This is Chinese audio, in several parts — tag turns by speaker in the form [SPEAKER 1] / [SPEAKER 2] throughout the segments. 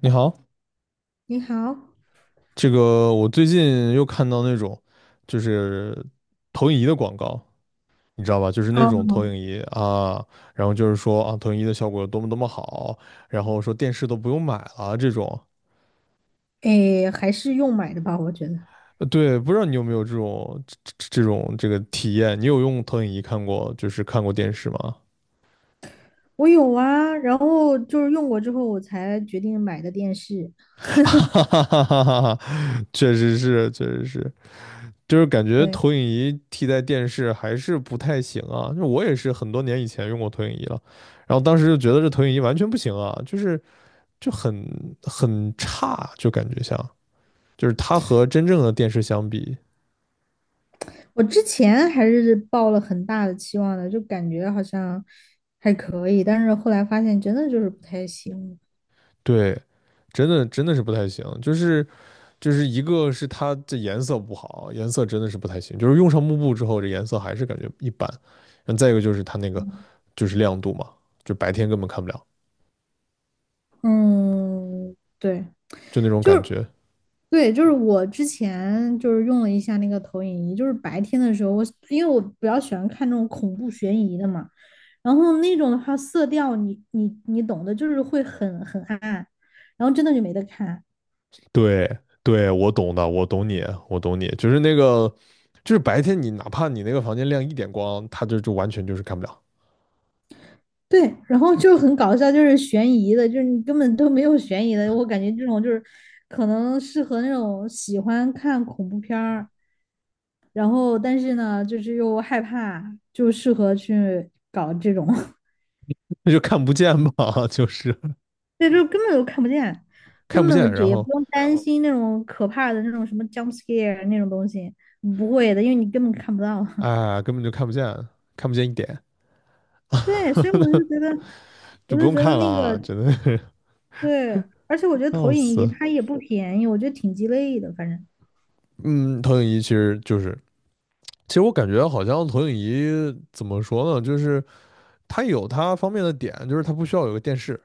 [SPEAKER 1] 你好，
[SPEAKER 2] 你好。
[SPEAKER 1] 这个我最近又看到那种就是投影仪的广告，你知道吧？就是那
[SPEAKER 2] 哦。
[SPEAKER 1] 种投影仪啊，然后就是说啊，投影仪的效果有多么多么好，然后说电视都不用买了这种。
[SPEAKER 2] 诶，还是用买的吧，我觉得。
[SPEAKER 1] 对，不知道你有没有这种这个体验？你有用投影仪看过，就是看过电视吗？
[SPEAKER 2] 我有啊，然后就是用过之后，我才决定买的电视。
[SPEAKER 1] 哈哈哈哈哈哈，确实是，确实是。就是感觉
[SPEAKER 2] 对，
[SPEAKER 1] 投影仪替代电视还是不太行啊。就我也是很多年以前用过投影仪了，然后当时就觉得这投影仪完全不行啊，就是就很差，就感觉像就是它和真正的电视相比，
[SPEAKER 2] 我之前还是抱了很大的期望的，就感觉好像还可以，但是后来发现真的就是不太行。
[SPEAKER 1] 对，真的真的是不太行。就是一个是它这颜色不好，颜色真的是不太行。就是用上幕布之后，这颜色还是感觉一般。然后再一个就是它那个就是亮度嘛，就白天根本看不了，
[SPEAKER 2] 嗯，对，
[SPEAKER 1] 就那种
[SPEAKER 2] 就
[SPEAKER 1] 感
[SPEAKER 2] 是
[SPEAKER 1] 觉。
[SPEAKER 2] 对，就是我之前就是用了一下那个投影仪，就是白天的时候，因为我比较喜欢看那种恐怖悬疑的嘛。然后那种的话，色调你懂的，就是会很暗，然后真的就没得看。
[SPEAKER 1] 对对，我懂的，我懂你，我懂你，就是那个，就是白天你哪怕你那个房间亮一点光，它就完全就是看不了，
[SPEAKER 2] 对，然后就很搞笑，就是悬疑的，就是你根本都没有悬疑的。我感觉这种就是可能适合那种喜欢看恐怖片儿，然后但是呢，就是又害怕，就适合去搞这种。
[SPEAKER 1] 那就看不见嘛，就是
[SPEAKER 2] 对，就根本就看不见，
[SPEAKER 1] 看
[SPEAKER 2] 根
[SPEAKER 1] 不见，
[SPEAKER 2] 本这
[SPEAKER 1] 然
[SPEAKER 2] 也不
[SPEAKER 1] 后
[SPEAKER 2] 用担心那种可怕的那种什么 jump scare 那种东西，不会的，因为你根本看不到。
[SPEAKER 1] 啊、根本就看不见，看不见一点，
[SPEAKER 2] 对，所以我就 觉得。
[SPEAKER 1] 就
[SPEAKER 2] 我
[SPEAKER 1] 不
[SPEAKER 2] 就
[SPEAKER 1] 用
[SPEAKER 2] 觉得
[SPEAKER 1] 看了
[SPEAKER 2] 那
[SPEAKER 1] 啊，
[SPEAKER 2] 个，
[SPEAKER 1] 真的是
[SPEAKER 2] 对，而且我觉得
[SPEAKER 1] 笑
[SPEAKER 2] 投影仪
[SPEAKER 1] 死。
[SPEAKER 2] 它也不便宜，我觉得挺鸡肋的，反正。
[SPEAKER 1] 嗯，投影仪其实就是，其实我感觉好像投影仪怎么说呢，就是它有它方便的点，就是它不需要有个电视。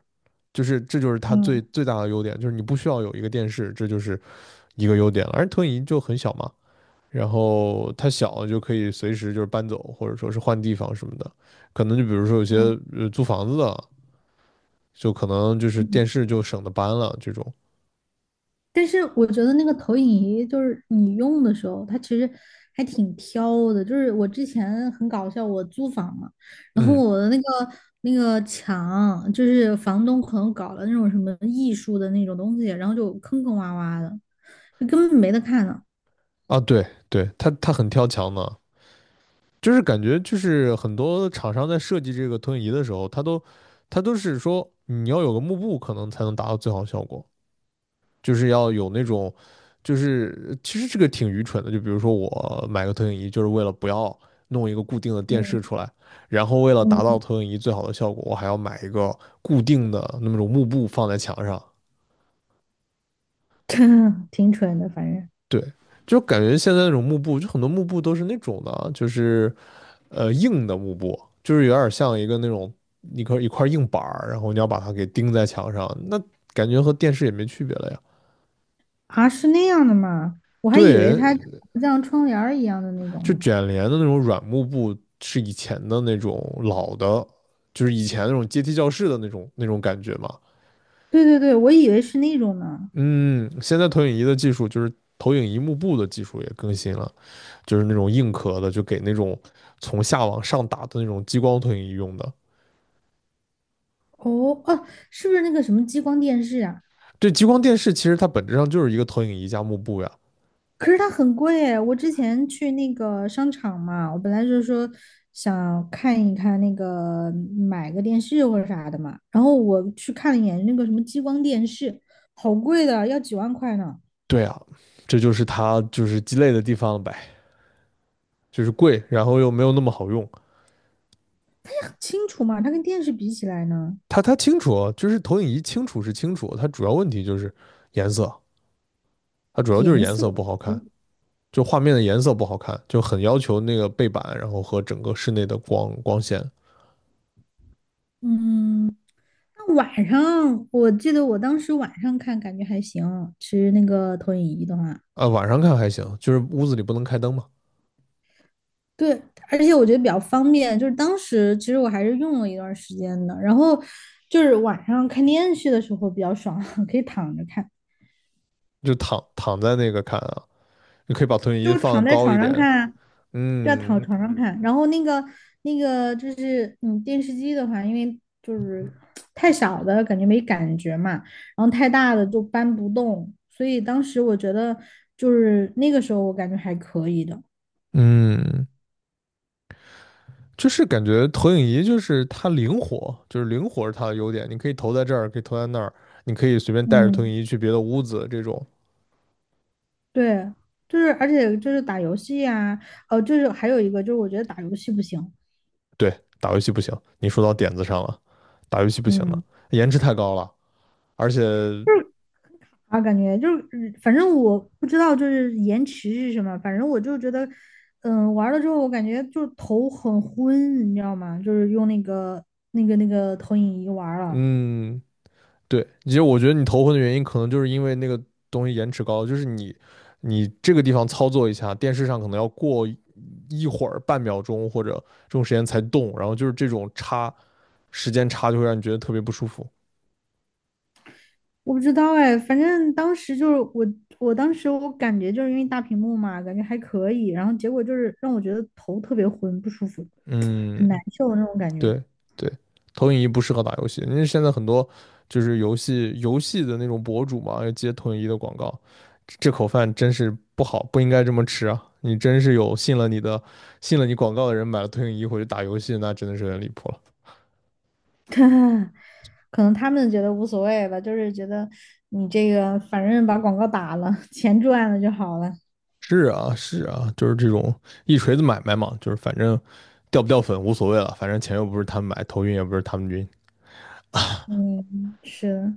[SPEAKER 1] 就是这就是它最
[SPEAKER 2] 嗯
[SPEAKER 1] 最大的优点，就是你不需要有一个电视，这就是一个优点了。而投影仪就很小嘛，然后它小就可以随时就是搬走，或者说是换地方什么的。可能就比如说有些
[SPEAKER 2] 嗯。
[SPEAKER 1] 租房子的，就可能就是
[SPEAKER 2] 嗯。
[SPEAKER 1] 电视就省得搬了这种。
[SPEAKER 2] 但是我觉得那个投影仪就是你用的时候，它其实还挺挑的。就是我之前很搞笑，我租房嘛，然后
[SPEAKER 1] 嗯
[SPEAKER 2] 我的那个墙，就是房东可能搞了那种什么艺术的那种东西，然后就坑坑洼洼的，就根本没得看呢。
[SPEAKER 1] 啊，对对，它很挑墙的，就是感觉就是很多厂商在设计这个投影仪的时候，它都是说你要有个幕布可能才能达到最好效果。就是要有那种，就是其实这个挺愚蠢的。就比如说我买个投影仪，就是为了不要弄一个固定的电视
[SPEAKER 2] 嗯。
[SPEAKER 1] 出来，然后为了达到
[SPEAKER 2] 嗯。
[SPEAKER 1] 投影仪最好的效果，我还要买一个固定的那么种幕布放在墙上。
[SPEAKER 2] 挺蠢的，反正。
[SPEAKER 1] 对，就感觉现在那种幕布，就很多幕布都是那种的啊就是硬的幕布，就是有点像一个那种一块一块硬板儿，然后你要把它给钉在墙上，那感觉和电视也没区别了呀。
[SPEAKER 2] 啊，是那样的吗？我还以为
[SPEAKER 1] 对，
[SPEAKER 2] 它长得像窗帘儿一样的那种
[SPEAKER 1] 就
[SPEAKER 2] 呢。
[SPEAKER 1] 卷帘的那种软幕布是以前的那种老的，就是以前那种阶梯教室的那种感觉嘛。
[SPEAKER 2] 对对对，我以为是那种呢。
[SPEAKER 1] 嗯，现在投影仪的技术就是投影仪幕布的技术也更新了，就是那种硬壳的，就给那种从下往上打的那种激光投影仪用的。
[SPEAKER 2] 哦哦，是不是那个什么激光电视啊？
[SPEAKER 1] 对，激光电视其实它本质上就是一个投影仪加幕布呀。
[SPEAKER 2] 可是它很贵诶，我之前去那个商场嘛，我本来就是说想看一看那个，买个电视或者啥的嘛，然后我去看了一眼那个什么激光电视，好贵的，要几万块呢。
[SPEAKER 1] 对啊，这就是它就是鸡肋的地方呗，就是贵，然后又没有那么好用。
[SPEAKER 2] 清楚嘛，它跟电视比起来呢？
[SPEAKER 1] 它清楚哦，就是投影仪清楚是清楚，它主要问题就是颜色。它主要就是
[SPEAKER 2] 颜
[SPEAKER 1] 颜
[SPEAKER 2] 色。
[SPEAKER 1] 色不好看，就画面的颜色不好看，就很要求那个背板，然后和整个室内的光线。
[SPEAKER 2] 嗯，那晚上我记得我当时晚上看感觉还行，其实那个投影仪的话，
[SPEAKER 1] 啊，晚上看还行，就是屋子里不能开灯嘛，
[SPEAKER 2] 对，而且我觉得比较方便。就是当时其实我还是用了一段时间的，然后就是晚上看电视的时候比较爽，可以躺着看。
[SPEAKER 1] 就躺在那个看啊，你可以把投影仪
[SPEAKER 2] 就躺
[SPEAKER 1] 放
[SPEAKER 2] 在
[SPEAKER 1] 高
[SPEAKER 2] 床
[SPEAKER 1] 一
[SPEAKER 2] 上
[SPEAKER 1] 点，
[SPEAKER 2] 看啊。对啊，躺
[SPEAKER 1] 嗯
[SPEAKER 2] 床上看。然后那个就是嗯，电视机的话，因为就是太小的感觉没感觉嘛，然后太大的就搬不动，所以当时我觉得就是那个时候我感觉还可以的。
[SPEAKER 1] 嗯，就是感觉投影仪就是它灵活，就是灵活是它的优点，你可以投在这儿，可以投在那儿，你可以随便带着投影
[SPEAKER 2] 嗯，
[SPEAKER 1] 仪去别的屋子，这种
[SPEAKER 2] 对，就是而且就是打游戏啊，哦，就是还有一个就是我觉得打游戏不行。
[SPEAKER 1] 对打游戏不行，你说到点子上了，打游戏不行的，
[SPEAKER 2] 嗯。
[SPEAKER 1] 颜值太高了，而且
[SPEAKER 2] 就是很卡啊，感觉就是，嗯反正我不知道就是延迟是什么，反正我就觉得，嗯，玩了之后我感觉就是头很昏，你知道吗？就是用那个，那个投影仪玩了。
[SPEAKER 1] 嗯，对，其实我觉得你头昏的原因，可能就是因为那个东西延迟高，就是你这个地方操作一下，电视上可能要过一会儿半秒钟或者这种时间才动，然后就是这种时间差就会让你觉得特别不舒服。
[SPEAKER 2] 我不知道哎，反正当时就是我，我当时感觉就是因为大屏幕嘛，感觉还可以，然后结果就是让我觉得头特别昏，不舒服，
[SPEAKER 1] 嗯，
[SPEAKER 2] 很难受的那种感觉。
[SPEAKER 1] 对对，投影仪不适合打游戏，因为现在很多就是游戏的那种博主嘛，要接投影仪的广告，这口饭真是不好，不应该这么吃啊！你真是有信了你的，信了你广告的人买了投影仪回去打游戏，那真的是有点离谱了。
[SPEAKER 2] 可能他们觉得无所谓吧，就是觉得你这个反正把广告打了，钱赚了就好了。
[SPEAKER 1] 是啊，是啊，就是这种一锤子买卖嘛，就是反正掉不掉粉无所谓了，反正钱又不是他们买，头晕也不是他们晕。
[SPEAKER 2] 嗯，是。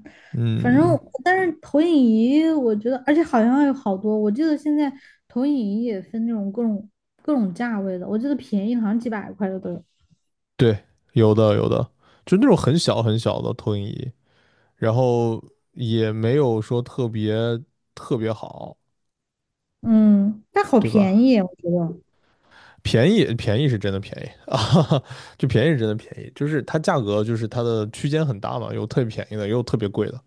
[SPEAKER 2] 反正
[SPEAKER 1] 嗯，
[SPEAKER 2] 我但是投影仪，我觉得，而且好像有好多，我记得现在投影仪也分那种，各种价位的，我记得便宜的好像几百块的都有。
[SPEAKER 1] 对，有的有的，就那种很小很小的投影仪。然后也没有说特别特别好，
[SPEAKER 2] 嗯，但好
[SPEAKER 1] 对
[SPEAKER 2] 便
[SPEAKER 1] 吧？
[SPEAKER 2] 宜啊，我觉得。
[SPEAKER 1] 便宜便宜是真的便宜啊，就便宜是真的便宜，就是它价格就是它的区间很大嘛，有特别便宜的，也有特别贵的。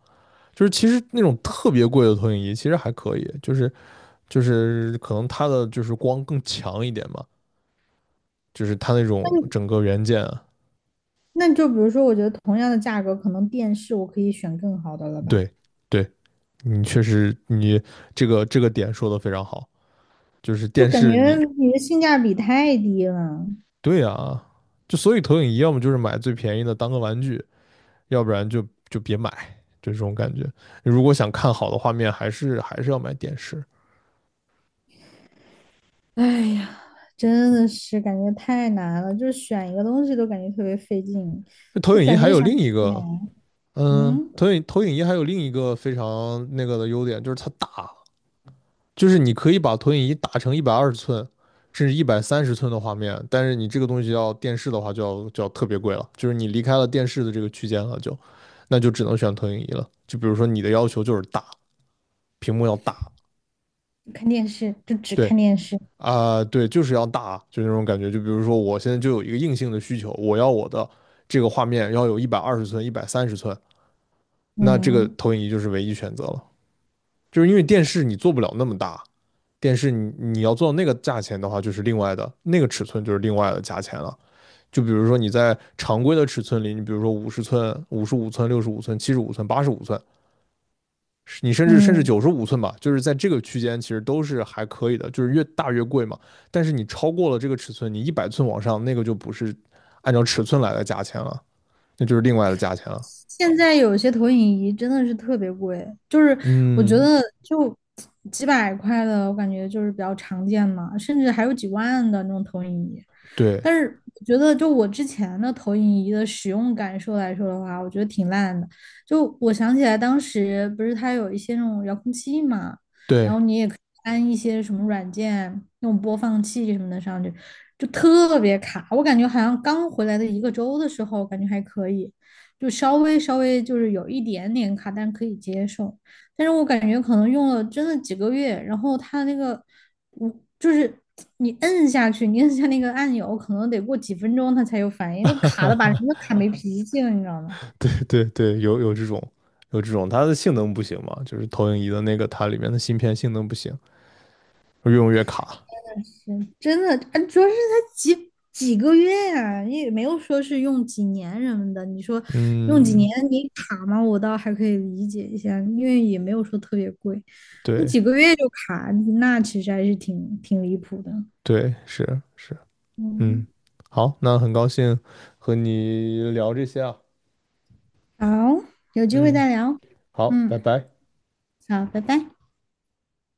[SPEAKER 1] 就是其实那种特别贵的投影仪其实还可以，就是可能它的就是光更强一点嘛，就是它那
[SPEAKER 2] 那
[SPEAKER 1] 种
[SPEAKER 2] 你
[SPEAKER 1] 整个元件啊，
[SPEAKER 2] 那就比如说，我觉得同样的价格，可能电视我可以选更好的了吧？
[SPEAKER 1] 对对，你确实你这个点说的非常好，就是
[SPEAKER 2] 就
[SPEAKER 1] 电
[SPEAKER 2] 感
[SPEAKER 1] 视
[SPEAKER 2] 觉
[SPEAKER 1] 你
[SPEAKER 2] 你的性价比太低了。
[SPEAKER 1] 对啊，就所以投影仪要么就是买最便宜的当个玩具，要不然就别买，就这种感觉。如果想看好的画面，还是要买电视。
[SPEAKER 2] 哎呀，真的是感觉太难了，就是选一个东西都感觉特别费劲，
[SPEAKER 1] 那投
[SPEAKER 2] 就
[SPEAKER 1] 影仪
[SPEAKER 2] 感
[SPEAKER 1] 还
[SPEAKER 2] 觉
[SPEAKER 1] 有
[SPEAKER 2] 想
[SPEAKER 1] 另一
[SPEAKER 2] 选。
[SPEAKER 1] 个，
[SPEAKER 2] 嗯，
[SPEAKER 1] 投影仪还有另一个非常那个的优点，就是它大，就是你可以把投影仪打成一百二十寸。甚至一百三十寸的画面，但是你这个东西要电视的话，就要特别贵了，就是你离开了电视的这个区间了，就，那就只能选投影仪了。就比如说你的要求就是大，屏幕要大，
[SPEAKER 2] 看电视就只
[SPEAKER 1] 对，
[SPEAKER 2] 看电视。
[SPEAKER 1] 啊、对，就是要大，就那种感觉。就比如说，我现在就有一个硬性的需求，我要我的这个画面要有一百二十寸、一百三十寸，那这个
[SPEAKER 2] 嗯
[SPEAKER 1] 投影仪就是唯一选择了。就是因为电视你做不了那么大，电视你要做到那个价钱的话，就是另外的那个尺寸就是另外的价钱了。就比如说你在常规的尺寸里，你比如说50寸、55寸、65寸、75寸、85寸，你甚至
[SPEAKER 2] 嗯。
[SPEAKER 1] 95寸吧，就是在这个区间其实都是还可以的，就是越大越贵嘛。但是你超过了这个尺寸，你100寸往上那个就不是按照尺寸来的价钱了，那就是另外的价钱了。
[SPEAKER 2] 现在有些投影仪真的是特别贵，就是我觉
[SPEAKER 1] 嗯，
[SPEAKER 2] 得就几百块的，我感觉就是比较常见嘛，甚至还有几万的那种投影仪。
[SPEAKER 1] 对
[SPEAKER 2] 但是我觉得，就我之前的投影仪的使用感受来说的话，我觉得挺烂的。就我想起来，当时不是它有一些那种遥控器嘛，然
[SPEAKER 1] 对
[SPEAKER 2] 后你也可以安一些什么软件，那种播放器什么的上去，就特别卡。我感觉好像刚回来的一个周的时候，感觉还可以。就稍微稍微就是有一点点卡，但可以接受。但是我感觉可能用了真的几个月，然后它那个，我就是你摁下去，你摁下那个按钮，可能得过几分钟它才有反应，就卡的把人都卡没脾气了，你知道吗？
[SPEAKER 1] 对对对，有这种有这种，它的性能不行嘛，就是投影仪的那个它里面的芯片性能不行，越用越卡。
[SPEAKER 2] 真的，啊主要是才几个月呀、你也没有说是用几年什么的。你说用几
[SPEAKER 1] 嗯，
[SPEAKER 2] 年你卡吗？我倒还可以理解一下，因为也没有说特别贵。那
[SPEAKER 1] 对
[SPEAKER 2] 几个月就卡，那其实还是挺离谱的。
[SPEAKER 1] 对是是，嗯，
[SPEAKER 2] 嗯。
[SPEAKER 1] 好，那很高兴和你聊这些啊，
[SPEAKER 2] 好，有机会
[SPEAKER 1] 嗯，
[SPEAKER 2] 再聊。
[SPEAKER 1] 好，
[SPEAKER 2] 嗯。
[SPEAKER 1] 拜拜。
[SPEAKER 2] 好，拜拜。